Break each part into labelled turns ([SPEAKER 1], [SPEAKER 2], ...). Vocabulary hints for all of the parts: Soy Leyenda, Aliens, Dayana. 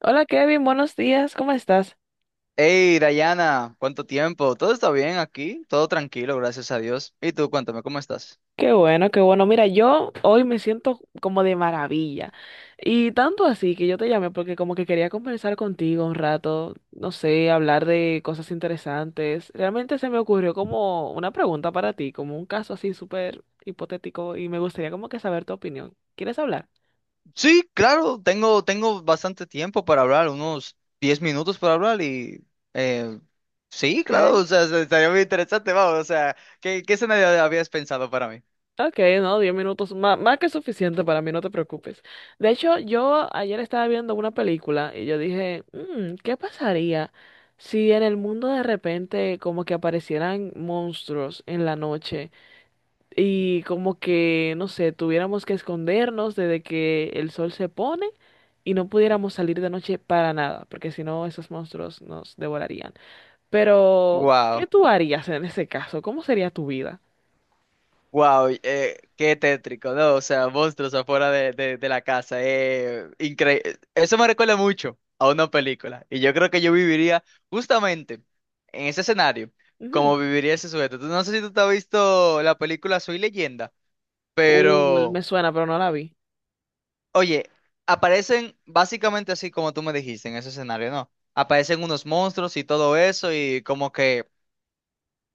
[SPEAKER 1] Hola Kevin, buenos días, ¿cómo estás?
[SPEAKER 2] Hey, Dayana, ¿cuánto tiempo? ¿Todo está bien aquí? Todo tranquilo, gracias a Dios. ¿Y tú, cuéntame, cómo estás?
[SPEAKER 1] Qué bueno, qué bueno. Mira, yo hoy me siento como de maravilla. Y tanto así que yo te llamé porque como que quería conversar contigo un rato, no sé, hablar de cosas interesantes. Realmente se me ocurrió como una pregunta para ti, como un caso así súper hipotético y me gustaría como que saber tu opinión. ¿Quieres hablar?
[SPEAKER 2] Sí, claro, tengo bastante tiempo para hablar, unos 10 minutos para hablar y... eh, sí,
[SPEAKER 1] Ok.
[SPEAKER 2] claro, o sea, estaría muy interesante, vamos, o sea, ¿qué escenario habías pensado para mí?
[SPEAKER 1] Ok, no, 10 minutos, más que suficiente para mí, no te preocupes. De hecho, yo ayer estaba viendo una película y yo dije, "Mm, ¿qué pasaría si en el mundo de repente como que aparecieran monstruos en la noche y como que, no sé, tuviéramos que escondernos desde que el sol se pone y no pudiéramos salir de noche para nada, porque si no, esos monstruos nos devorarían. Pero, ¿qué
[SPEAKER 2] Wow.
[SPEAKER 1] tú harías en ese caso? ¿Cómo sería tu vida?"
[SPEAKER 2] Wow, qué tétrico, ¿no? O sea, monstruos afuera de la casa. Eso me recuerda mucho a una película. Y yo creo que yo viviría justamente en ese escenario, como viviría ese sujeto. No sé si tú te has visto la película Soy Leyenda,
[SPEAKER 1] Me
[SPEAKER 2] pero,
[SPEAKER 1] suena, pero no la vi.
[SPEAKER 2] oye, aparecen básicamente así como tú me dijiste en ese escenario, ¿no? Aparecen unos monstruos y todo eso, y como que.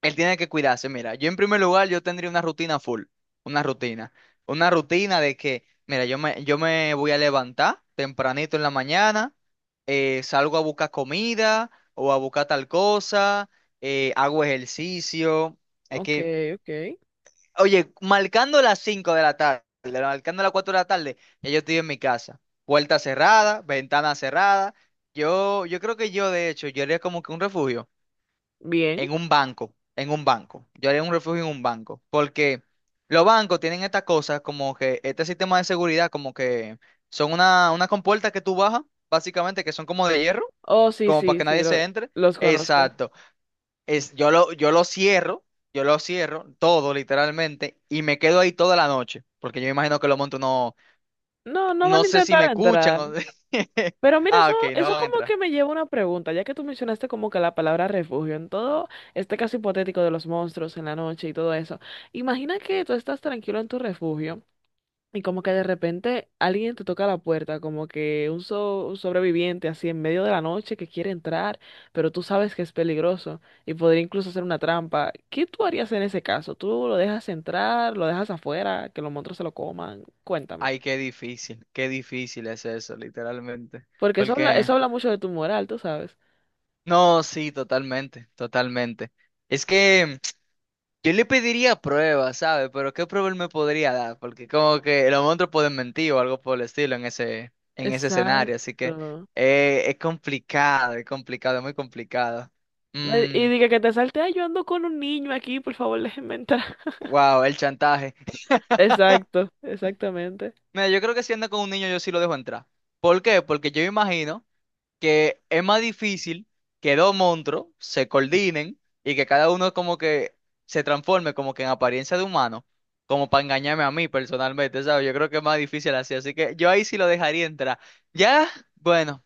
[SPEAKER 2] Él tiene que cuidarse. Mira, yo en primer lugar, yo tendría una rutina full, una rutina, una rutina de que, mira, yo me voy a levantar tempranito en la mañana, salgo a buscar comida o a buscar tal cosa, hago ejercicio. Es
[SPEAKER 1] Ok,
[SPEAKER 2] que,
[SPEAKER 1] ok.
[SPEAKER 2] oye, marcando las 5 de la tarde, marcando las 4 de la tarde, ya yo estoy en mi casa. Puerta cerrada, ventana cerrada. Yo creo que yo, de hecho, yo haría como que un refugio
[SPEAKER 1] Bien.
[SPEAKER 2] en un banco, en un banco. Yo haría un refugio en un banco, porque los bancos tienen estas cosas como que este sistema de seguridad, como que son una compuerta que tú bajas, básicamente, que son como de hierro,
[SPEAKER 1] Oh, sí,
[SPEAKER 2] como para
[SPEAKER 1] sí,
[SPEAKER 2] que
[SPEAKER 1] sí,
[SPEAKER 2] nadie se entre.
[SPEAKER 1] los conozco.
[SPEAKER 2] Exacto. Es, yo lo, yo lo cierro, yo lo cierro todo literalmente y me quedo ahí toda la noche, porque yo me imagino que los montos no,
[SPEAKER 1] No, no van
[SPEAKER 2] no
[SPEAKER 1] a
[SPEAKER 2] sé si me
[SPEAKER 1] intentar
[SPEAKER 2] escuchan
[SPEAKER 1] entrar.
[SPEAKER 2] o...
[SPEAKER 1] Pero mira,
[SPEAKER 2] Ah,
[SPEAKER 1] eso,
[SPEAKER 2] ok,
[SPEAKER 1] eso
[SPEAKER 2] no
[SPEAKER 1] como que
[SPEAKER 2] entra.
[SPEAKER 1] me lleva a una pregunta, ya que tú mencionaste como que la palabra refugio en todo este caso hipotético de los monstruos en la noche y todo eso. Imagina que tú estás tranquilo en tu refugio y como que de repente alguien te toca la puerta, como que un, un sobreviviente así en medio de la noche que quiere entrar, pero tú sabes que es peligroso y podría incluso hacer una trampa. ¿Qué tú harías en ese caso? ¿Tú lo dejas entrar, lo dejas afuera, que los monstruos se lo coman? Cuéntame.
[SPEAKER 2] Ay, qué difícil es eso, literalmente.
[SPEAKER 1] Porque
[SPEAKER 2] Porque
[SPEAKER 1] eso habla mucho de tu moral, tú sabes.
[SPEAKER 2] No, sí, totalmente, totalmente. Es que yo le pediría pruebas, ¿sabes? Pero ¿qué prueba él me podría dar? Porque como que los monstruos pueden mentir o algo por el estilo en ese escenario, así que
[SPEAKER 1] Exacto.
[SPEAKER 2] es complicado, es complicado, es muy complicado.
[SPEAKER 1] No. Y
[SPEAKER 2] Mm,
[SPEAKER 1] y diga que te salte, ay, yo ando con un niño aquí, por favor, déjenme entrar.
[SPEAKER 2] wow, el chantaje.
[SPEAKER 1] Exacto, exactamente.
[SPEAKER 2] Mira, yo creo que si anda con un niño yo sí lo dejo entrar. ¿Por qué? Porque yo me imagino que es más difícil que dos monstruos se coordinen y que cada uno como que se transforme como que en apariencia de humano, como para engañarme a mí personalmente, ¿sabes? Yo creo que es más difícil así, así que yo ahí sí lo dejaría entrar. Ya, bueno.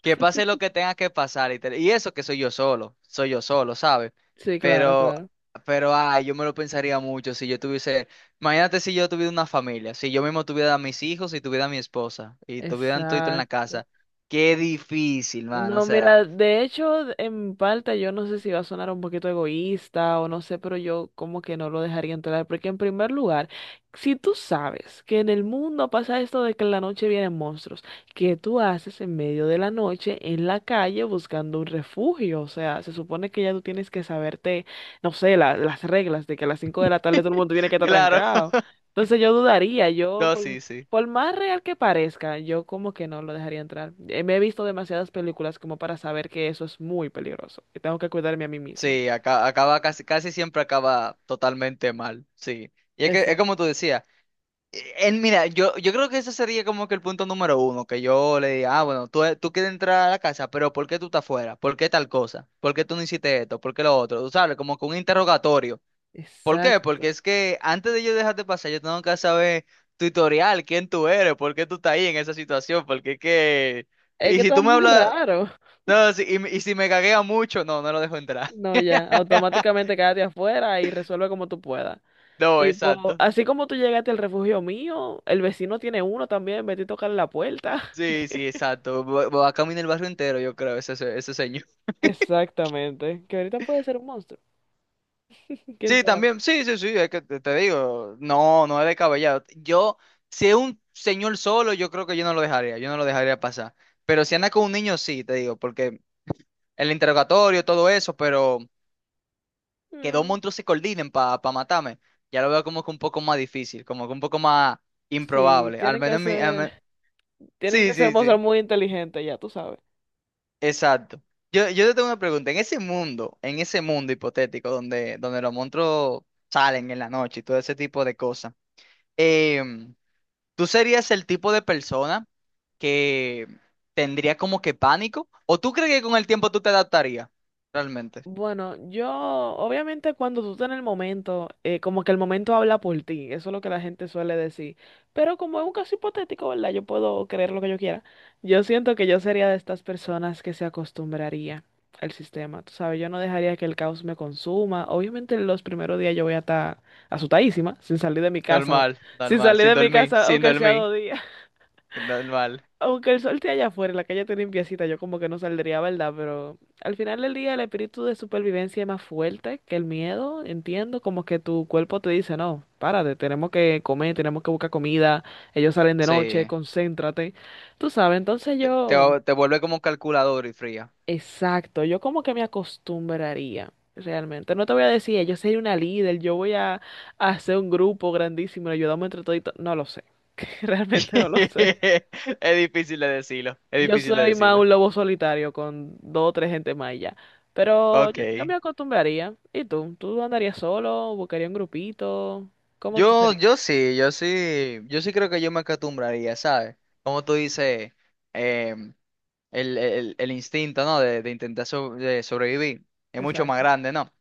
[SPEAKER 2] Que pase lo que tenga que pasar. Y eso que soy yo solo, ¿sabes?
[SPEAKER 1] Sí, claro,
[SPEAKER 2] Pero,
[SPEAKER 1] claro.
[SPEAKER 2] pero, ay, yo me lo pensaría mucho si yo tuviese, imagínate si yo tuviera una familia, si yo mismo tuviera a mis hijos y tuviera a mi esposa y tuvieran todo en la
[SPEAKER 1] Exacto.
[SPEAKER 2] casa. Qué difícil, man, o
[SPEAKER 1] No,
[SPEAKER 2] sea,
[SPEAKER 1] mira, de hecho, en parte yo no sé si va a sonar un poquito egoísta o no sé, pero yo como que no lo dejaría entrar, porque en primer lugar, si tú sabes que en el mundo pasa esto de que en la noche vienen monstruos, ¿qué tú haces en medio de la noche en la calle buscando un refugio? O sea, se supone que ya tú tienes que saberte, no sé, las reglas de que a las 5 de la tarde todo el mundo tiene que estar
[SPEAKER 2] claro,
[SPEAKER 1] trancado. Entonces yo dudaría, yo
[SPEAKER 2] no,
[SPEAKER 1] por
[SPEAKER 2] sí, sí.
[SPEAKER 1] por más real que parezca, yo como que no lo dejaría entrar. Me he visto demasiadas películas como para saber que eso es muy peligroso y tengo que cuidarme a mí mismo.
[SPEAKER 2] Sí, acaba casi, casi siempre acaba totalmente mal, sí. Y es que es
[SPEAKER 1] Exacto.
[SPEAKER 2] como tú decías. Mira, yo creo que ese sería como que el punto número uno, que yo le diga, ah, bueno, tú quieres entrar a la casa, pero ¿por qué tú estás fuera? ¿Por qué tal cosa? ¿Por qué tú no hiciste esto? ¿Por qué lo otro? Tú sabes, como que un interrogatorio. ¿Por qué? Porque
[SPEAKER 1] Exacto.
[SPEAKER 2] es que antes de yo dejarte pasar, yo tengo que saber tutorial, quién tú eres, por qué tú estás ahí en esa situación, porque es que...
[SPEAKER 1] Es que
[SPEAKER 2] Y si
[SPEAKER 1] está
[SPEAKER 2] tú me
[SPEAKER 1] muy
[SPEAKER 2] hablas,
[SPEAKER 1] raro.
[SPEAKER 2] no, y si me caguea mucho, no, no lo dejo entrar.
[SPEAKER 1] No, ya, automáticamente quédate afuera y resuelve como tú puedas.
[SPEAKER 2] No,
[SPEAKER 1] Tipo,
[SPEAKER 2] exacto.
[SPEAKER 1] así como tú llegaste al refugio mío, el vecino tiene uno también, vete a tocarle la puerta.
[SPEAKER 2] Sí, sí, exacto. Va a caminar el barrio entero, yo creo, ese señor.
[SPEAKER 1] Exactamente, que ahorita puede ser un monstruo, quién
[SPEAKER 2] Sí,
[SPEAKER 1] sabe.
[SPEAKER 2] también, sí, sí, sí, es que te digo, no, no es descabellado. Yo, si es un señor solo, yo creo que yo no lo dejaría pasar. Pero si anda con un niño, sí, te digo, porque el interrogatorio, todo eso, pero que dos
[SPEAKER 1] Mm.
[SPEAKER 2] monstruos se coordinen para matarme, ya lo veo como que un poco más difícil, como que un poco más
[SPEAKER 1] Sí,
[SPEAKER 2] improbable. Al menos en mi,
[SPEAKER 1] tienen
[SPEAKER 2] sí,
[SPEAKER 1] que ser
[SPEAKER 2] sí,
[SPEAKER 1] monstruos
[SPEAKER 2] sí,
[SPEAKER 1] muy inteligentes, ya tú sabes.
[SPEAKER 2] exacto. Yo te tengo una pregunta, en ese mundo hipotético donde los monstruos salen en la noche y todo ese tipo de cosas. em, ¿Tú serías el tipo de persona que tendría como que pánico? ¿O tú crees que con el tiempo tú te adaptarías? Realmente.
[SPEAKER 1] Bueno, yo, obviamente cuando tú estás en el momento, como que el momento habla por ti, eso es lo que la gente suele decir, pero como es un caso hipotético, ¿verdad? Yo puedo creer lo que yo quiera. Yo siento que yo sería de estas personas que se acostumbraría al sistema, tú sabes, yo no dejaría que el caos me consuma. Obviamente los primeros días yo voy a estar asustadísima, sin salir de mi casa,
[SPEAKER 2] Normal,
[SPEAKER 1] sin
[SPEAKER 2] normal,
[SPEAKER 1] salir de
[SPEAKER 2] sin
[SPEAKER 1] mi
[SPEAKER 2] dormir,
[SPEAKER 1] casa,
[SPEAKER 2] sin
[SPEAKER 1] aunque sea
[SPEAKER 2] dormir,
[SPEAKER 1] 2 días.
[SPEAKER 2] normal.
[SPEAKER 1] Aunque el sol esté allá afuera, la calle esté limpiecita, yo como que no saldría, ¿verdad? Pero al final del día el espíritu de supervivencia es más fuerte que el miedo, entiendo, como que tu cuerpo te dice, no, párate, tenemos que comer, tenemos que buscar comida, ellos salen de noche,
[SPEAKER 2] Sí,
[SPEAKER 1] concéntrate, tú sabes, entonces
[SPEAKER 2] te, te,
[SPEAKER 1] yo,
[SPEAKER 2] te vuelve como calculador y fría.
[SPEAKER 1] exacto, yo como que me acostumbraría. Realmente, no te voy a decir, yo soy una líder, yo voy a hacer un grupo grandísimo, ayudamos entre todos, no lo sé, realmente no lo sé.
[SPEAKER 2] Es difícil de decirlo, es
[SPEAKER 1] Yo
[SPEAKER 2] difícil de
[SPEAKER 1] soy más
[SPEAKER 2] decirlo.
[SPEAKER 1] un lobo solitario con dos o tres gente más y ya. Pero yo
[SPEAKER 2] Ok.
[SPEAKER 1] me acostumbraría. ¿Y tú? ¿Tú andarías solo? ¿Buscarías un grupito? ¿Cómo tú
[SPEAKER 2] Yo,
[SPEAKER 1] serías?
[SPEAKER 2] yo sí, yo sí, yo sí creo que yo me acostumbraría, ¿sabes? Como tú dices, em, el instinto, ¿no? De intentar de sobrevivir. Es mucho más
[SPEAKER 1] Exacto.
[SPEAKER 2] grande, ¿no?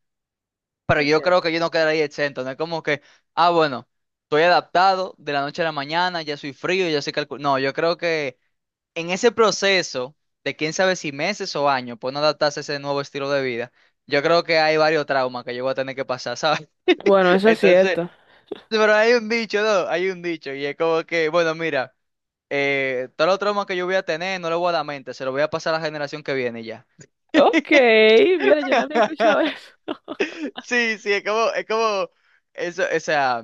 [SPEAKER 2] Pero
[SPEAKER 1] Es
[SPEAKER 2] yo creo
[SPEAKER 1] cierto.
[SPEAKER 2] que yo no quedaría exento, no es como que, ah, bueno, estoy adaptado de la noche a la mañana, ya soy frío, ya soy calculado. No, yo creo que en ese proceso de quién sabe si meses o años, pues no adaptarse a ese nuevo estilo de vida, yo creo que hay varios traumas que yo voy a tener que pasar, ¿sabes?
[SPEAKER 1] Bueno, eso es
[SPEAKER 2] Entonces,
[SPEAKER 1] cierto.
[SPEAKER 2] pero hay un dicho, ¿no? Hay un dicho, y es como que, bueno, mira, todos los traumas que yo voy a tener, no los voy a dar mente, se los voy a pasar a la generación que viene y ya.
[SPEAKER 1] Ok, mira, yo no había escuchado eso.
[SPEAKER 2] Sí, sí, es como, eso, o sea,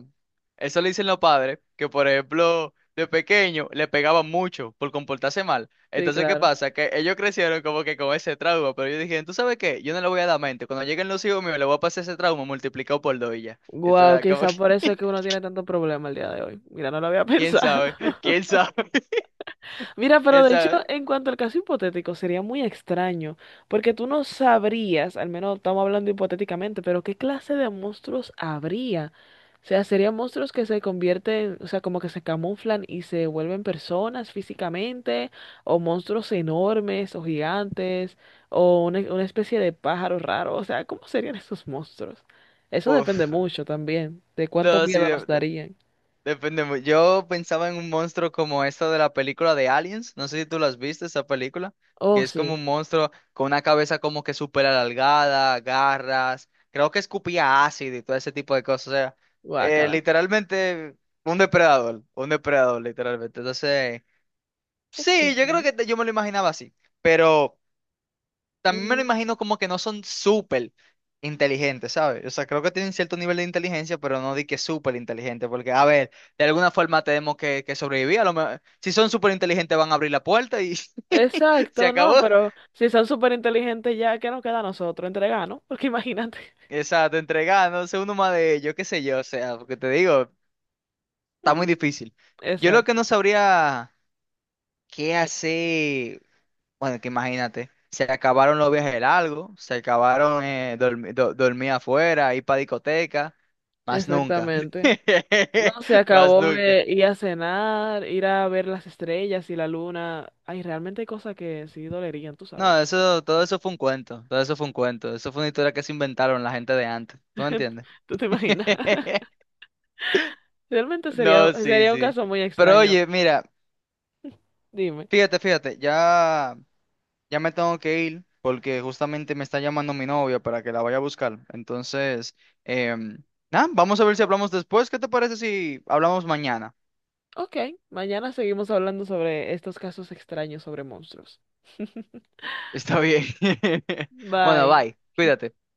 [SPEAKER 2] eso le dicen los padres, que por ejemplo, de pequeño le pegaban mucho por comportarse mal.
[SPEAKER 1] Sí,
[SPEAKER 2] Entonces, ¿qué
[SPEAKER 1] claro.
[SPEAKER 2] pasa? Que ellos crecieron como que con ese trauma, pero yo dije, ¿tú sabes qué? Yo no le voy a dar mente. Cuando lleguen los hijos míos, le voy a pasar ese trauma multiplicado por dos y ya.
[SPEAKER 1] Wow,
[SPEAKER 2] Entonces, como
[SPEAKER 1] quizás por eso es
[SPEAKER 2] que,
[SPEAKER 1] que uno tiene tanto problema el día de hoy. Mira, no lo había
[SPEAKER 2] ¿quién
[SPEAKER 1] pensado.
[SPEAKER 2] sabe? ¿Quién sabe?
[SPEAKER 1] Mira, pero
[SPEAKER 2] ¿Quién
[SPEAKER 1] de hecho,
[SPEAKER 2] sabe?
[SPEAKER 1] en cuanto al caso hipotético, sería muy extraño, porque tú no sabrías, al menos estamos hablando hipotéticamente, pero ¿qué clase de monstruos habría? O sea, serían monstruos que se convierten, o sea, como que se camuflan y se vuelven personas físicamente, o monstruos enormes, o gigantes, o una especie de pájaro raro, o sea, ¿cómo serían esos monstruos? Eso depende
[SPEAKER 2] Uf,
[SPEAKER 1] mucho también, de cuánto
[SPEAKER 2] no, sí,
[SPEAKER 1] miedo nos darían.
[SPEAKER 2] depende. Yo pensaba en un monstruo como esta de la película de Aliens. No sé si tú las viste, esa película.
[SPEAKER 1] Oh,
[SPEAKER 2] Que es como
[SPEAKER 1] sí,
[SPEAKER 2] un monstruo con una cabeza como que súper alargada, garras. Creo que escupía ácido y todo ese tipo de cosas. O sea,
[SPEAKER 1] guácala.
[SPEAKER 2] literalmente un depredador. Un depredador, literalmente. Entonces,
[SPEAKER 1] Ok.
[SPEAKER 2] sí, yo creo que yo me lo imaginaba así. Pero también me lo
[SPEAKER 1] Mm.
[SPEAKER 2] imagino como que no son súper inteligentes, ¿sabes? O sea, creo que tienen cierto nivel de inteligencia, pero no di que súper inteligentes, porque, a ver, de alguna forma tenemos que sobrevivir. A lo mejor, si son súper inteligentes, van a abrir la puerta y se
[SPEAKER 1] Exacto, no,
[SPEAKER 2] acabó.
[SPEAKER 1] pero si son súper inteligentes ya, ¿qué nos queda a nosotros? Entregar, ¿no? Porque imagínate.
[SPEAKER 2] Exacto, entregar, no uno más de ellos, qué sé yo, o sea, porque te digo, está muy
[SPEAKER 1] Mm.
[SPEAKER 2] difícil. Yo lo que no
[SPEAKER 1] Exacto,
[SPEAKER 2] sabría qué hacer. Bueno, que imagínate, se acabaron los viajes largos, se acabaron dormir afuera, ir para discoteca, más nunca.
[SPEAKER 1] exactamente. No, se
[SPEAKER 2] Más
[SPEAKER 1] acabó
[SPEAKER 2] nunca.
[SPEAKER 1] ir a cenar, ir a ver las estrellas y la luna. Ay, realmente hay cosas que sí dolerían, tú sabes.
[SPEAKER 2] No, eso, todo eso fue un cuento, todo eso fue un cuento, eso fue una historia que se inventaron la gente de antes, ¿tú me entiendes?
[SPEAKER 1] ¿Tú te imaginas? Realmente sería,
[SPEAKER 2] No, sí,
[SPEAKER 1] sería un
[SPEAKER 2] sí.
[SPEAKER 1] caso muy
[SPEAKER 2] Pero
[SPEAKER 1] extraño.
[SPEAKER 2] oye, mira,
[SPEAKER 1] Dime.
[SPEAKER 2] fíjate, fíjate, Ya me tengo que ir porque justamente me está llamando mi novia para que la vaya a buscar. Entonces, em, nada, vamos a ver si hablamos después. ¿Qué te parece si hablamos mañana?
[SPEAKER 1] Ok, mañana seguimos hablando sobre estos casos extraños sobre monstruos.
[SPEAKER 2] Está bien. Bueno,
[SPEAKER 1] Bye.
[SPEAKER 2] bye. Cuídate.